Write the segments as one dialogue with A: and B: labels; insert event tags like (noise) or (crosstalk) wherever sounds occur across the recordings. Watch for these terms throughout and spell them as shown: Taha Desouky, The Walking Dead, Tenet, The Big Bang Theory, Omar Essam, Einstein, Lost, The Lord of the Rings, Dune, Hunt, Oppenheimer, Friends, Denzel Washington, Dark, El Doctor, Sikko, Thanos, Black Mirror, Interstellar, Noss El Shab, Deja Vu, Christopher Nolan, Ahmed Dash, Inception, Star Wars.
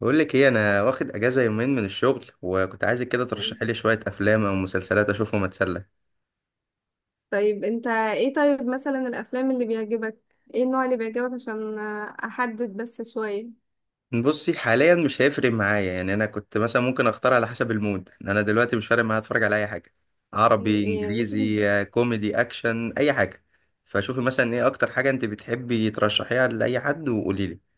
A: بقول لك ايه، انا واخد اجازه يومين من الشغل وكنت عايزك كده ترشحي لي شويه افلام او مسلسلات اشوفهم اتسلى.
B: طيب انت ايه؟ طيب مثلا الافلام اللي بيعجبك، ايه النوع اللي بيعجبك عشان احدد بس شوية.
A: بصي، حاليا مش هيفرق معايا. يعني انا كنت مثلا ممكن اختار على حسب المود. يعني انا دلوقتي مش فارق معايا اتفرج على اي حاجه،
B: (laughs)
A: عربي
B: إيه.
A: انجليزي كوميدي اكشن اي حاجه. فشوفي مثلا ايه اكتر حاجه انت بتحبي ترشحيها لاي حد وقولي لي.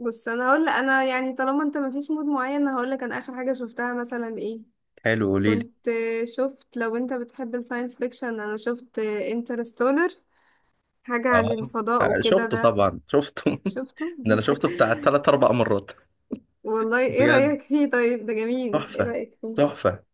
B: بص، انا هقول، انا يعني طالما انت مفيش مود معين، هقول لك انا اخر حاجة شفتها مثلا ايه.
A: حلو، قولي لي.
B: كنت شفت، لو انت بتحب الساينس فيكشن انا شفت انترستولر، حاجة عن
A: اه،
B: الفضاء وكده.
A: شفته
B: ده
A: طبعا شفته. (laughs)
B: شفته.
A: ده انا شفته بتاع تلات اربع مرات.
B: (laughs) والله ايه
A: بجد
B: رأيك فيه؟ طيب ده جميل، ايه
A: تحفه،
B: رأيك فيه؟
A: تحفه.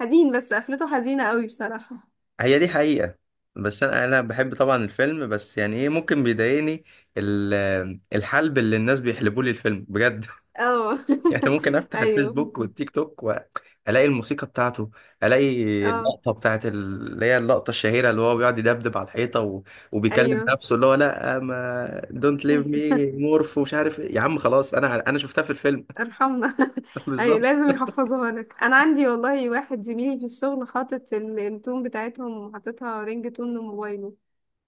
B: حزين، بس قفلته حزينة قوي بصراحة.
A: هي دي حقيقة. بس انا بحب طبعا الفيلم، بس يعني ايه ممكن بيضايقني. ال- الحلب اللي الناس بيحلبوه لي الفيلم، بجد.
B: اه.
A: (laughs) يعني ممكن
B: (laughs)
A: افتح الفيسبوك
B: ايوه.
A: والتيك توك والاقي الموسيقى بتاعته، الاقي
B: اه.
A: اللقطة بتاعت اللي هي اللقطة الشهيرة، اللي هو بيقعد يدبدب على الحيطة وبيكلم
B: ايوه.
A: نفسه، اللي هو لا ما دونت ليف مي
B: (laughs)
A: مورف ومش عارف إيه. يا عم خلاص، انا شفتها في الفيلم.
B: ارحمنا. (laughs)
A: (laughs)
B: ايوه،
A: بالظبط.
B: لازم يحفظوها لك. انا عندي والله واحد زميلي في الشغل حاطط التون بتاعتهم وحاططها رينج تون لموبايله.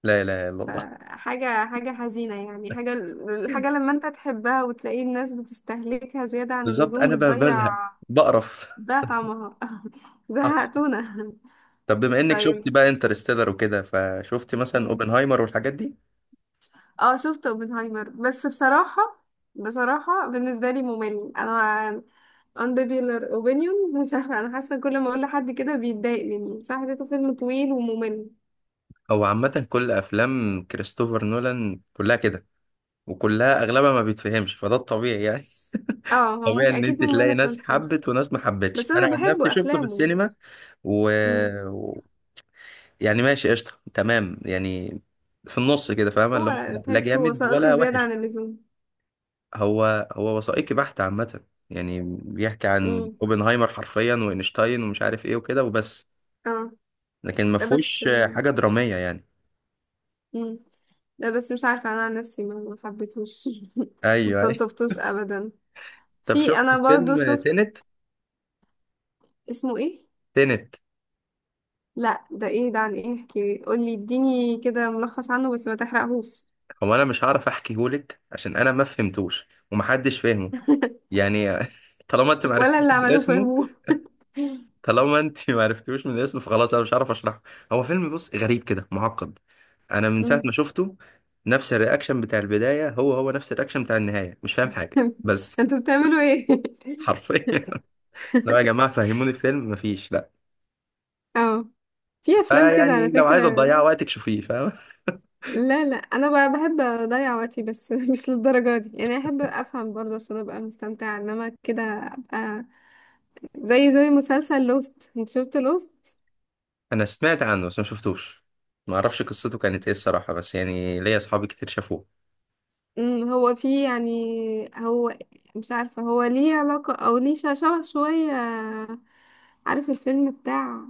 A: لا اله الا الله.
B: فحاجة حزينة، يعني حاجة، الحاجة لما انت تحبها وتلاقي الناس بتستهلكها زيادة عن
A: بالظبط،
B: اللزوم
A: انا
B: بتضيع.
A: بزهق، بقرف.
B: بتضيع طعمها. (laughs)
A: (laughs)
B: زهقتونا.
A: طب بما انك شفتي
B: طيب.
A: بقى انترستيلر وكده، فشفتي مثلا اوبنهايمر والحاجات دي؟
B: اه، شفت اوبنهايمر، بس بصراحة، بصراحة بالنسبة لي ممل. انا unpopular opinion (laughs) مش عارفة، أنا حاسة كل ما أقول لحد كده بيتضايق مني، بس أنا حسيته فيلم طويل وممل.
A: هو عامة كل افلام كريستوفر نولان كلها كده، وكلها اغلبها ما بيتفهمش، فده الطبيعي يعني.
B: اه،
A: (laughs)
B: هو
A: طبيعي
B: ممكن،
A: ان
B: أكيد
A: انت
B: ممل
A: تلاقي ناس
B: عشان فيلمز.
A: حبت وناس ما حبتش.
B: بس
A: انا
B: أنا
A: عن نفسي
B: بحبه
A: شفته في
B: أفلامه.
A: السينما و...
B: مم.
A: و... يعني ماشي قشطة تمام يعني، في النص كده، فاهمة؟ اللي هو
B: هو
A: لا لا
B: تحس هو
A: جامد
B: وثائقي
A: ولا
B: زيادة
A: وحش.
B: عن اللزوم.
A: هو هو وثائقي بحت عامة، يعني بيحكي عن
B: مم.
A: اوبنهايمر حرفيا واينشتاين ومش عارف ايه وكده وبس،
B: اه.
A: لكن ما
B: لا بس.
A: فيهوش حاجة درامية يعني.
B: مم. لا بس مش عارفة، أنا عن نفسي ما حبيتهوش. (laughs) ما
A: ايوه، ايوه.
B: استلطفتوش أبدا.
A: طب
B: في،
A: شفت
B: أنا برضو
A: فيلم
B: شفت.
A: تينت؟
B: اسمه ايه؟
A: تينت.
B: لا ده ايه ده؟ عن ايه؟ احكي، قولي، اديني كده ملخص عنه بس ما تحرقهوش.
A: هو انا مش هعرف احكيهولك عشان انا ما فهمتوش ومحدش فهمه،
B: (laughs)
A: يعني. (laughs) طالما انت ما
B: ولا
A: عرفتوش
B: اللي
A: من
B: عملوه
A: اسمه
B: فهموه.
A: طالما انت ما عرفتوش من اسمه فخلاص، انا مش هعرف اشرحه. هو فيلم، بص، غريب كده، معقد. انا من ساعة ما شفته، نفس الرياكشن بتاع البداية هو هو نفس الرياكشن بتاع النهاية، مش فاهم حاجة بس.
B: (laughs) انتوا بتعملوا ايه؟
A: حرفيا. (laughs) لو يا
B: (laughs)
A: جماعة فهموني الفيلم. مفيش، لا.
B: اه، في افلام كده على
A: فيعني لو
B: فكرة.
A: عايزة تضيع وقتك شوفيه، فاهم؟
B: لا لا، انا بقى بحب اضيع وقتي، بس (laughs) مش للدرجة دي يعني. احب افهم برضه عشان ابقى مستمتعة، انما كده ابقى زي مسلسل لوست. انت شفت لوست؟
A: انا سمعت عنه بس ما شفتوش. ما اعرفش قصته كانت ايه الصراحه، بس يعني ليا اصحابي كتير شافوه.
B: امم، هو في يعني، هو مش عارفة، هو ليه علاقة او ليه شبه شوية. عارف الفيلم بتاع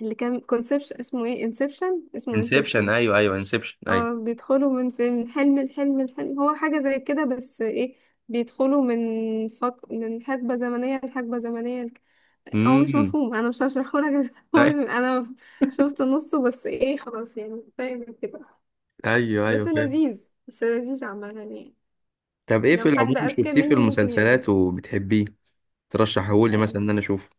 B: اللي كان كونسبشن اسمه ايه، انسبشن، اسمه
A: انسبشن،
B: انسبشن.
A: ايوه ايوه، انسبشن، ايوه.
B: اه، بيدخلوا من حلم لحلم لحلم. هو حاجة زي كده بس ايه، بيدخلوا من حقبة زمنية لحقبة زمنية هو مش
A: امم
B: مفهوم، انا مش هشرحه لك. (laughs) هو مش
A: أي-
B: انا شفت نصه بس. ايه، خلاص يعني، فاهم كده.
A: (laughs) ايوه ايوه،
B: بس
A: فاهم.
B: لذيذ، بس لذيذ عامة يعني.
A: طب ايه
B: لو
A: في العموم
B: حد أذكى
A: شفتيه في
B: مني ممكن يعجبه.
A: المسلسلات وبتحبيه ترشحه لي
B: آه،
A: مثلا ان انا اشوفه؟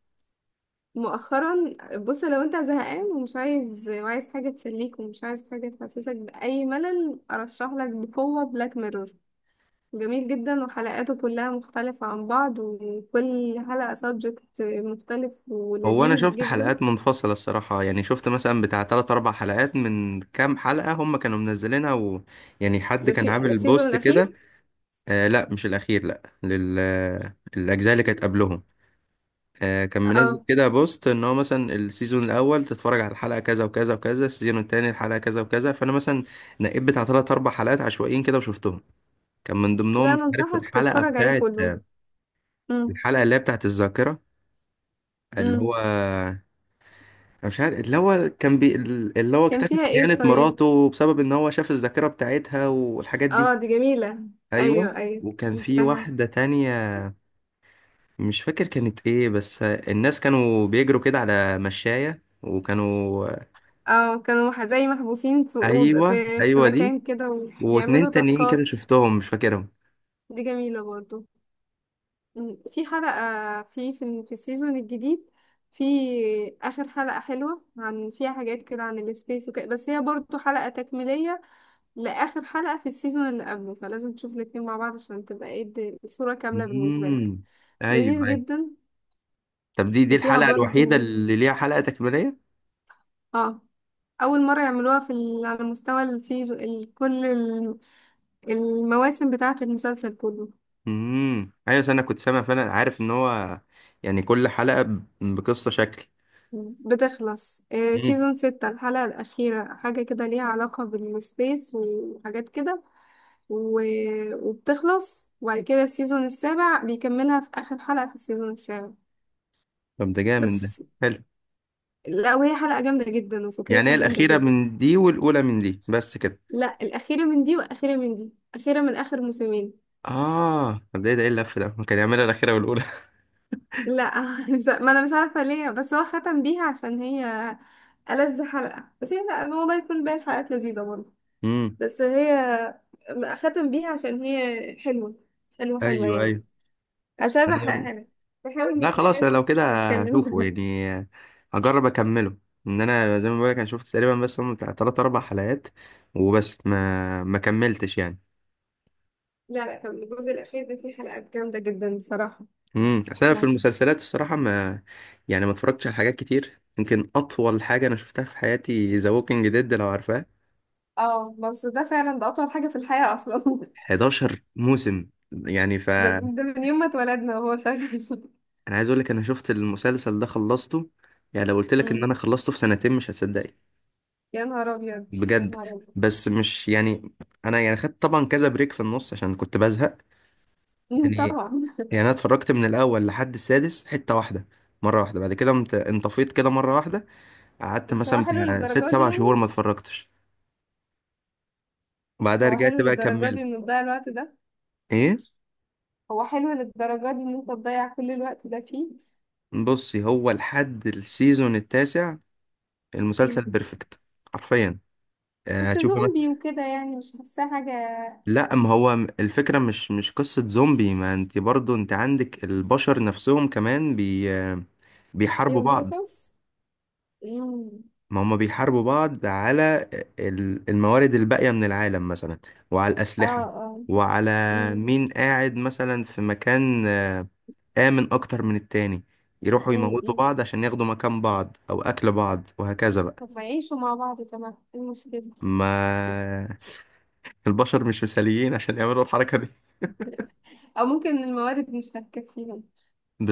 B: مؤخرا، بص، لو انت زهقان ومش عايز، وعايز حاجة تسليك ومش عايز حاجة تحسسك بأي ملل، أرشح لك بقوة بلاك ميرور. جميل جدا، وحلقاته كلها مختلفة عن بعض، وكل حلقة سبجكت مختلف
A: هو انا
B: ولذيذ
A: شفت
B: جدا.
A: حلقات منفصله الصراحه، يعني شفت مثلا بتاع 3 4 حلقات من كام حلقه هم كانوا منزلينها يعني حد كان عامل
B: السيزون
A: بوست
B: الأخير.
A: كده. آه لا، مش الاخير، لا لل... الاجزاء اللي كانت قبلهم. كان منزل
B: اه.
A: كده بوست ان هو مثلا السيزون الاول تتفرج على الحلقه كذا وكذا وكذا، السيزون التاني الحلقه كذا وكذا، فانا مثلا نقيت بتاع ثلاث اربع حلقات عشوائيين كده وشفتهم. كان من ضمنهم،
B: لا
A: مش
B: أنا
A: عارف،
B: أنصحك تتفرج عليه كله. مم.
A: الحلقه اللي هي بتاعت الذاكره، اللي
B: مم.
A: هو، انا مش عارف، اللي هو
B: كان
A: اكتشف
B: فيها ايه
A: خيانه
B: طيب؟
A: مراته بسبب ان هو شاف الذاكره بتاعتها والحاجات دي.
B: اه دي جميلة.
A: ايوه.
B: أيوه أيوه،
A: وكان في
B: عرفتها.
A: واحده تانية، مش فاكر كانت ايه، بس الناس كانوا بيجروا كده على مشاية وكانوا...
B: اه كانوا زي محبوسين في أوضة،
A: ايوه
B: في
A: ايوه، دي.
B: مكان كده
A: واتنين
B: وبيعملوا
A: تانيين كده
B: تاسكات.
A: شفتهم مش فاكرهم.
B: دي جميلة برضو. مم. في حلقة، في السيزون الجديد، في آخر حلقة حلوة، عن، فيها حاجات كده عن السبيس وكده، بس هي برضو حلقة تكميلية لآخر حلقة في السيزون اللي قبله، فلازم تشوف الاتنين مع بعض عشان تبقى ايه الصورة كاملة بالنسبة لك.
A: امم ايوه
B: لذيذ
A: ايوه.
B: جدا.
A: طب دي
B: وفيها
A: الحلقه الوحيده
B: برضو،
A: اللي ليها حلقه تكميليه؟
B: اه، أول مرة يعملوها في ال... على مستوى السيزون ال... كل ال- المواسم بتاعة المسلسل كله.
A: ايوه، أصل انا كنت سامع، فانا عارف ان هو يعني كل حلقه بقصه شكل.
B: بتخلص آه،
A: امم
B: سيزون ستة الحلقة الأخيرة حاجة كده ليها علاقة بالسبيس وحاجات كده، و... وبتخلص، وبعد كده السيزون السابع بيكملها في آخر حلقة في السيزون السابع.
A: طب ده جامد ده،
B: بس.
A: حلو.
B: لا، وهي حلقة جامدة جدا
A: يعني هي
B: وفكرتها جامدة
A: الاخيره
B: جدا.
A: من دي والاولى من دي بس كده؟
B: لا، الأخيرة من دي وأخيرة من دي، أخيرة من آخر موسمين.
A: اه طب ده ايه اللف ده، كان يعملها الاخيره والاولى.
B: لا (laughs) ما أنا مش عارفة ليه، بس هو ختم بيها عشان هي ألذ حلقة. بس هي، لا والله يكون باقي الحلقات لذيذة برضه،
A: (laughs) امم
B: بس هي ختم بيها عشان هي حلوة. حلوة حلوة يعني.
A: ايوه
B: مش عايزة
A: ايوه.
B: احرقها لك. بحاول ما
A: لا خلاص، انا
B: احرقهاش
A: لو
B: بس مش
A: كده
B: هتكلم.
A: هشوفه
B: (laughs)
A: يعني، هجرب اكمله. ان انا زي ما بقولك، انا شفت تقريبا بس هم بتاع تلات اربع حلقات وبس، ما كملتش يعني.
B: لا لا، كان الجزء الأخير ده فيه حلقات جامدة جدا بصراحة.
A: اصل انا في المسلسلات الصراحه، ما يعني ما اتفرجتش على حاجات كتير. يمكن اطول حاجه انا شفتها في حياتي ذا ووكينج ديد، لو عارفاه.
B: اه، بس ده فعلا ده أطول حاجة في الحياة أصلا. (laughs)
A: 11 موسم يعني،
B: ده من يوم ما اتولدنا وهو شغال. (laughs)
A: انا عايز اقول لك، انا شفت المسلسل ده خلصته. يعني لو قلت لك ان
B: أمم.
A: انا خلصته في سنتين مش هتصدق.
B: يا نهار أبيض، يا
A: بجد.
B: نهار أبيض.
A: بس مش يعني، انا يعني خدت طبعا كذا بريك في النص عشان كنت بزهق،
B: أمم،
A: يعني.
B: طبعا.
A: يعني انا اتفرجت من الاول لحد السادس حتة واحدة، مرة واحدة. بعد كده قمت انطفيت كده مرة واحدة، قعدت
B: بس هو
A: مثلا
B: حلو
A: بتاع ست
B: للدرجة دي
A: سبع شهور ما
B: يعني؟
A: اتفرجتش، وبعدها
B: هو حلو
A: رجعت بقى
B: للدرجة دي
A: كملت.
B: إن تضيع الوقت ده؟
A: ايه؟
B: هو حلو للدرجة دي إن أنت تضيع كل الوقت ده فيه؟
A: بصي، هو لحد السيزون التاسع المسلسل بيرفكت، حرفيا.
B: بس
A: هتشوفي مثلا...
B: زومبي وكده يعني، مش حاساه حاجة.
A: لا، ما هو الفكرة مش قصة زومبي. ما انت برضو انت عندك البشر نفسهم كمان بي آه، بيحاربوا
B: ليهم
A: بعض.
B: قصص. مم.
A: ما هم بيحاربوا بعض على الموارد الباقية من العالم مثلا، وعلى
B: اه.
A: الأسلحة،
B: اه.
A: وعلى
B: مم.
A: مين قاعد مثلا في مكان آمن أكتر من التاني. يروحوا
B: مم.
A: يموتوا
B: مم.
A: بعض عشان ياخدوا مكان بعض أو أكل بعض، وهكذا بقى.
B: طب ما يعيشوا مع بعض تمام، ايه المشكلة؟
A: ما (laughs) البشر مش مثاليين عشان يعملوا الحركة دي.
B: او ممكن الموارد مش هتكفيهم.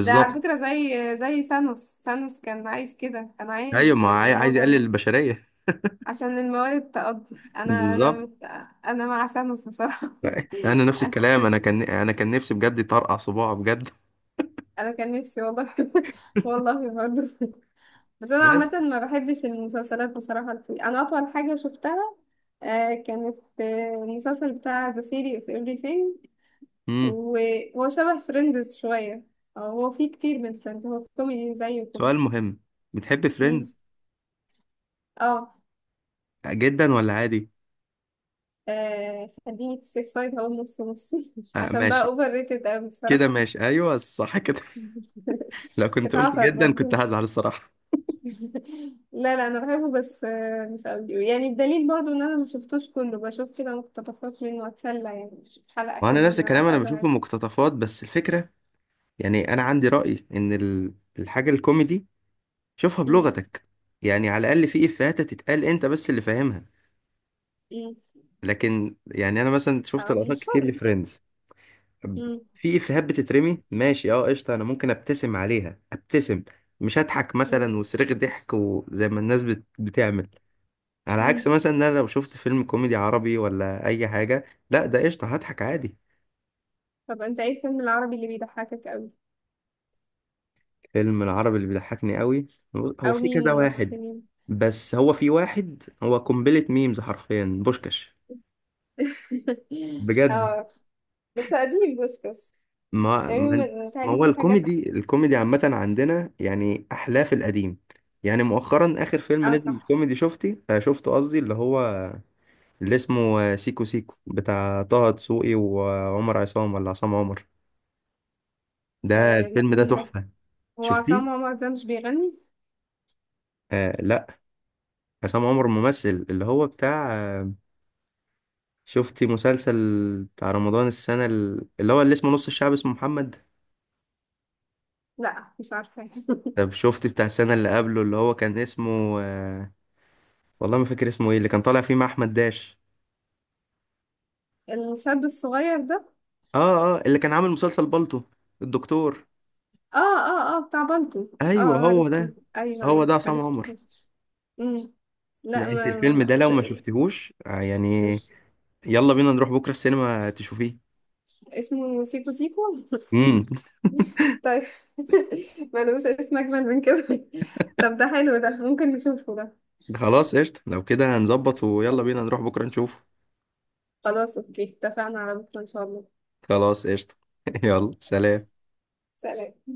B: ده على فكرة زي سانوس. سانوس كان عايز كده، كان
A: أيوة،
B: عايز
A: ما
B: ان
A: عاي- عايز يقلل
B: معظم،
A: البشرية. (laughs)
B: عشان الموارد تقضي. انا انا
A: بالظبط.
B: مت... انا مع سانوس بصراحة.
A: أنا نفس
B: (laughs)
A: الكلام، أنا كان، أنا كان نفسي بجد يطرقع صباعه، بجد.
B: انا كان نفسي والله. (laughs) والله برضه. بس انا
A: بس.
B: عامه ما بحبش المسلسلات بصراحه الطويله. انا اطول حاجه شفتها آه، كانت آه، المسلسل بتاع The Theory of Everything،
A: مم.
B: وهو شبه فريندز شويه. أو هو فيه كتير من فريندز، هو كوميدي زيه كده.
A: سؤال مهم، بتحب
B: مم.
A: فريندز
B: اه.
A: جدا ولا عادي؟
B: آه، خليني في السيف سايد، هقول نص نص (laughs)
A: آه،
B: عشان بقى
A: ماشي،
B: اوفر ريتد قوي
A: كده
B: بصراحه.
A: ماشي، ايوه صح كده.
B: (laughs)
A: (laughs) لو كنت قلت
B: اتعصر
A: جدا كنت
B: برضه.
A: هزعل الصراحه.
B: لا لا، انا بحبه بس آه، مش قوي يعني، بدليل برضو ان انا ما شفتوش كله، بشوف كده مقتطفات منه اتسلى يعني، مش حلقة
A: وانا
B: كل
A: نفس
B: ما
A: الكلام، انا
B: ابقى
A: بشوف
B: زهقانة.
A: المقتطفات، بس الفكره، يعني انا عندي راي ان الحاجه الكوميدي شوفها
B: مم.
A: بلغتك. يعني على الاقل في افيهات تتقال انت بس اللي فاهمها.
B: مم.
A: لكن يعني انا مثلا شفت
B: آه،
A: لقطات
B: مش
A: كتير
B: شرط.
A: لفريندز،
B: مم.
A: في افيهات بتترمي ماشي، اه قشطه، انا ممكن ابتسم عليها، ابتسم، مش هضحك
B: مم.
A: مثلا وصريخ ضحك وزي ما الناس بتعمل. على عكس
B: مم.
A: مثلا ان انا لو شفت فيلم كوميدي عربي ولا اي حاجه، لا ده قشطه هضحك عادي.
B: طب انت ايه الفيلم العربي اللي بيضحكك قوي؟
A: فيلم العربي اللي بيضحكني قوي، هو
B: او
A: في
B: مين
A: كذا واحد،
B: الممثلين؟
A: بس هو في واحد هو قنبله ميمز حرفيا، بوشكاش.
B: (laughs)
A: بجد.
B: اه، بس قديم بوسكس.
A: ما
B: يعني
A: ما
B: م-
A: ما
B: متهيألي
A: هو
B: في حاجات.
A: الكوميدي، عامه عندنا يعني احلاه في القديم. يعني مؤخرا، اخر فيلم
B: اه
A: نزل
B: صح.
A: كوميدي شفتي، شفته قصدي، اللي هو اللي اسمه سيكو سيكو، بتاع طه دسوقي وعمر عصام ولا عصام عمر، ده
B: آه لا،
A: الفيلم ده
B: مين ده؟
A: تحفه.
B: هو عصام
A: شفتيه؟
B: عمر ده مش بيغني؟
A: آه لا، عصام عمر ممثل، اللي هو بتاع شفتي مسلسل بتاع رمضان السنة اللي هو اللي اسمه نص الشعب اسمه محمد؟
B: لا مش عارفة.
A: طب شفتي بتاع السنة اللي قبله اللي هو كان اسمه والله ما فاكر اسمه ايه، اللي كان طالع فيه مع أحمد داش.
B: (laughs) الشاب الصغير ده.
A: اه اه، اللي كان عامل مسلسل بالطو، الدكتور.
B: اه اه اه، بتاع بالطو. اه
A: ايوه
B: آه،
A: هو ده.
B: عرفته، ايوه
A: هو
B: ايوه،
A: ده عصام
B: عرفته.
A: عمر.
B: امم. لا
A: لا انت
B: ما,
A: الفيلم ده
B: ما
A: لو
B: ش...
A: ما شفتهوش يعني،
B: مش...
A: يلا بينا نروح بكرة السينما تشوفيه.
B: اسمه سيكو سيكو؟
A: امم
B: طيب. (laughs) ملوش اسم اجمل من كده. طب ده حلو ده، ممكن نشوفه ده.
A: (laughs) خلاص قشطة، لو كده هنظبط، ويلا بينا نروح بكرة نشوف.
B: خلاص اوكي، اتفقنا على بكره ان شاء الله.
A: خلاص قشطة. (laughs) يلا، سلام.
B: سلام.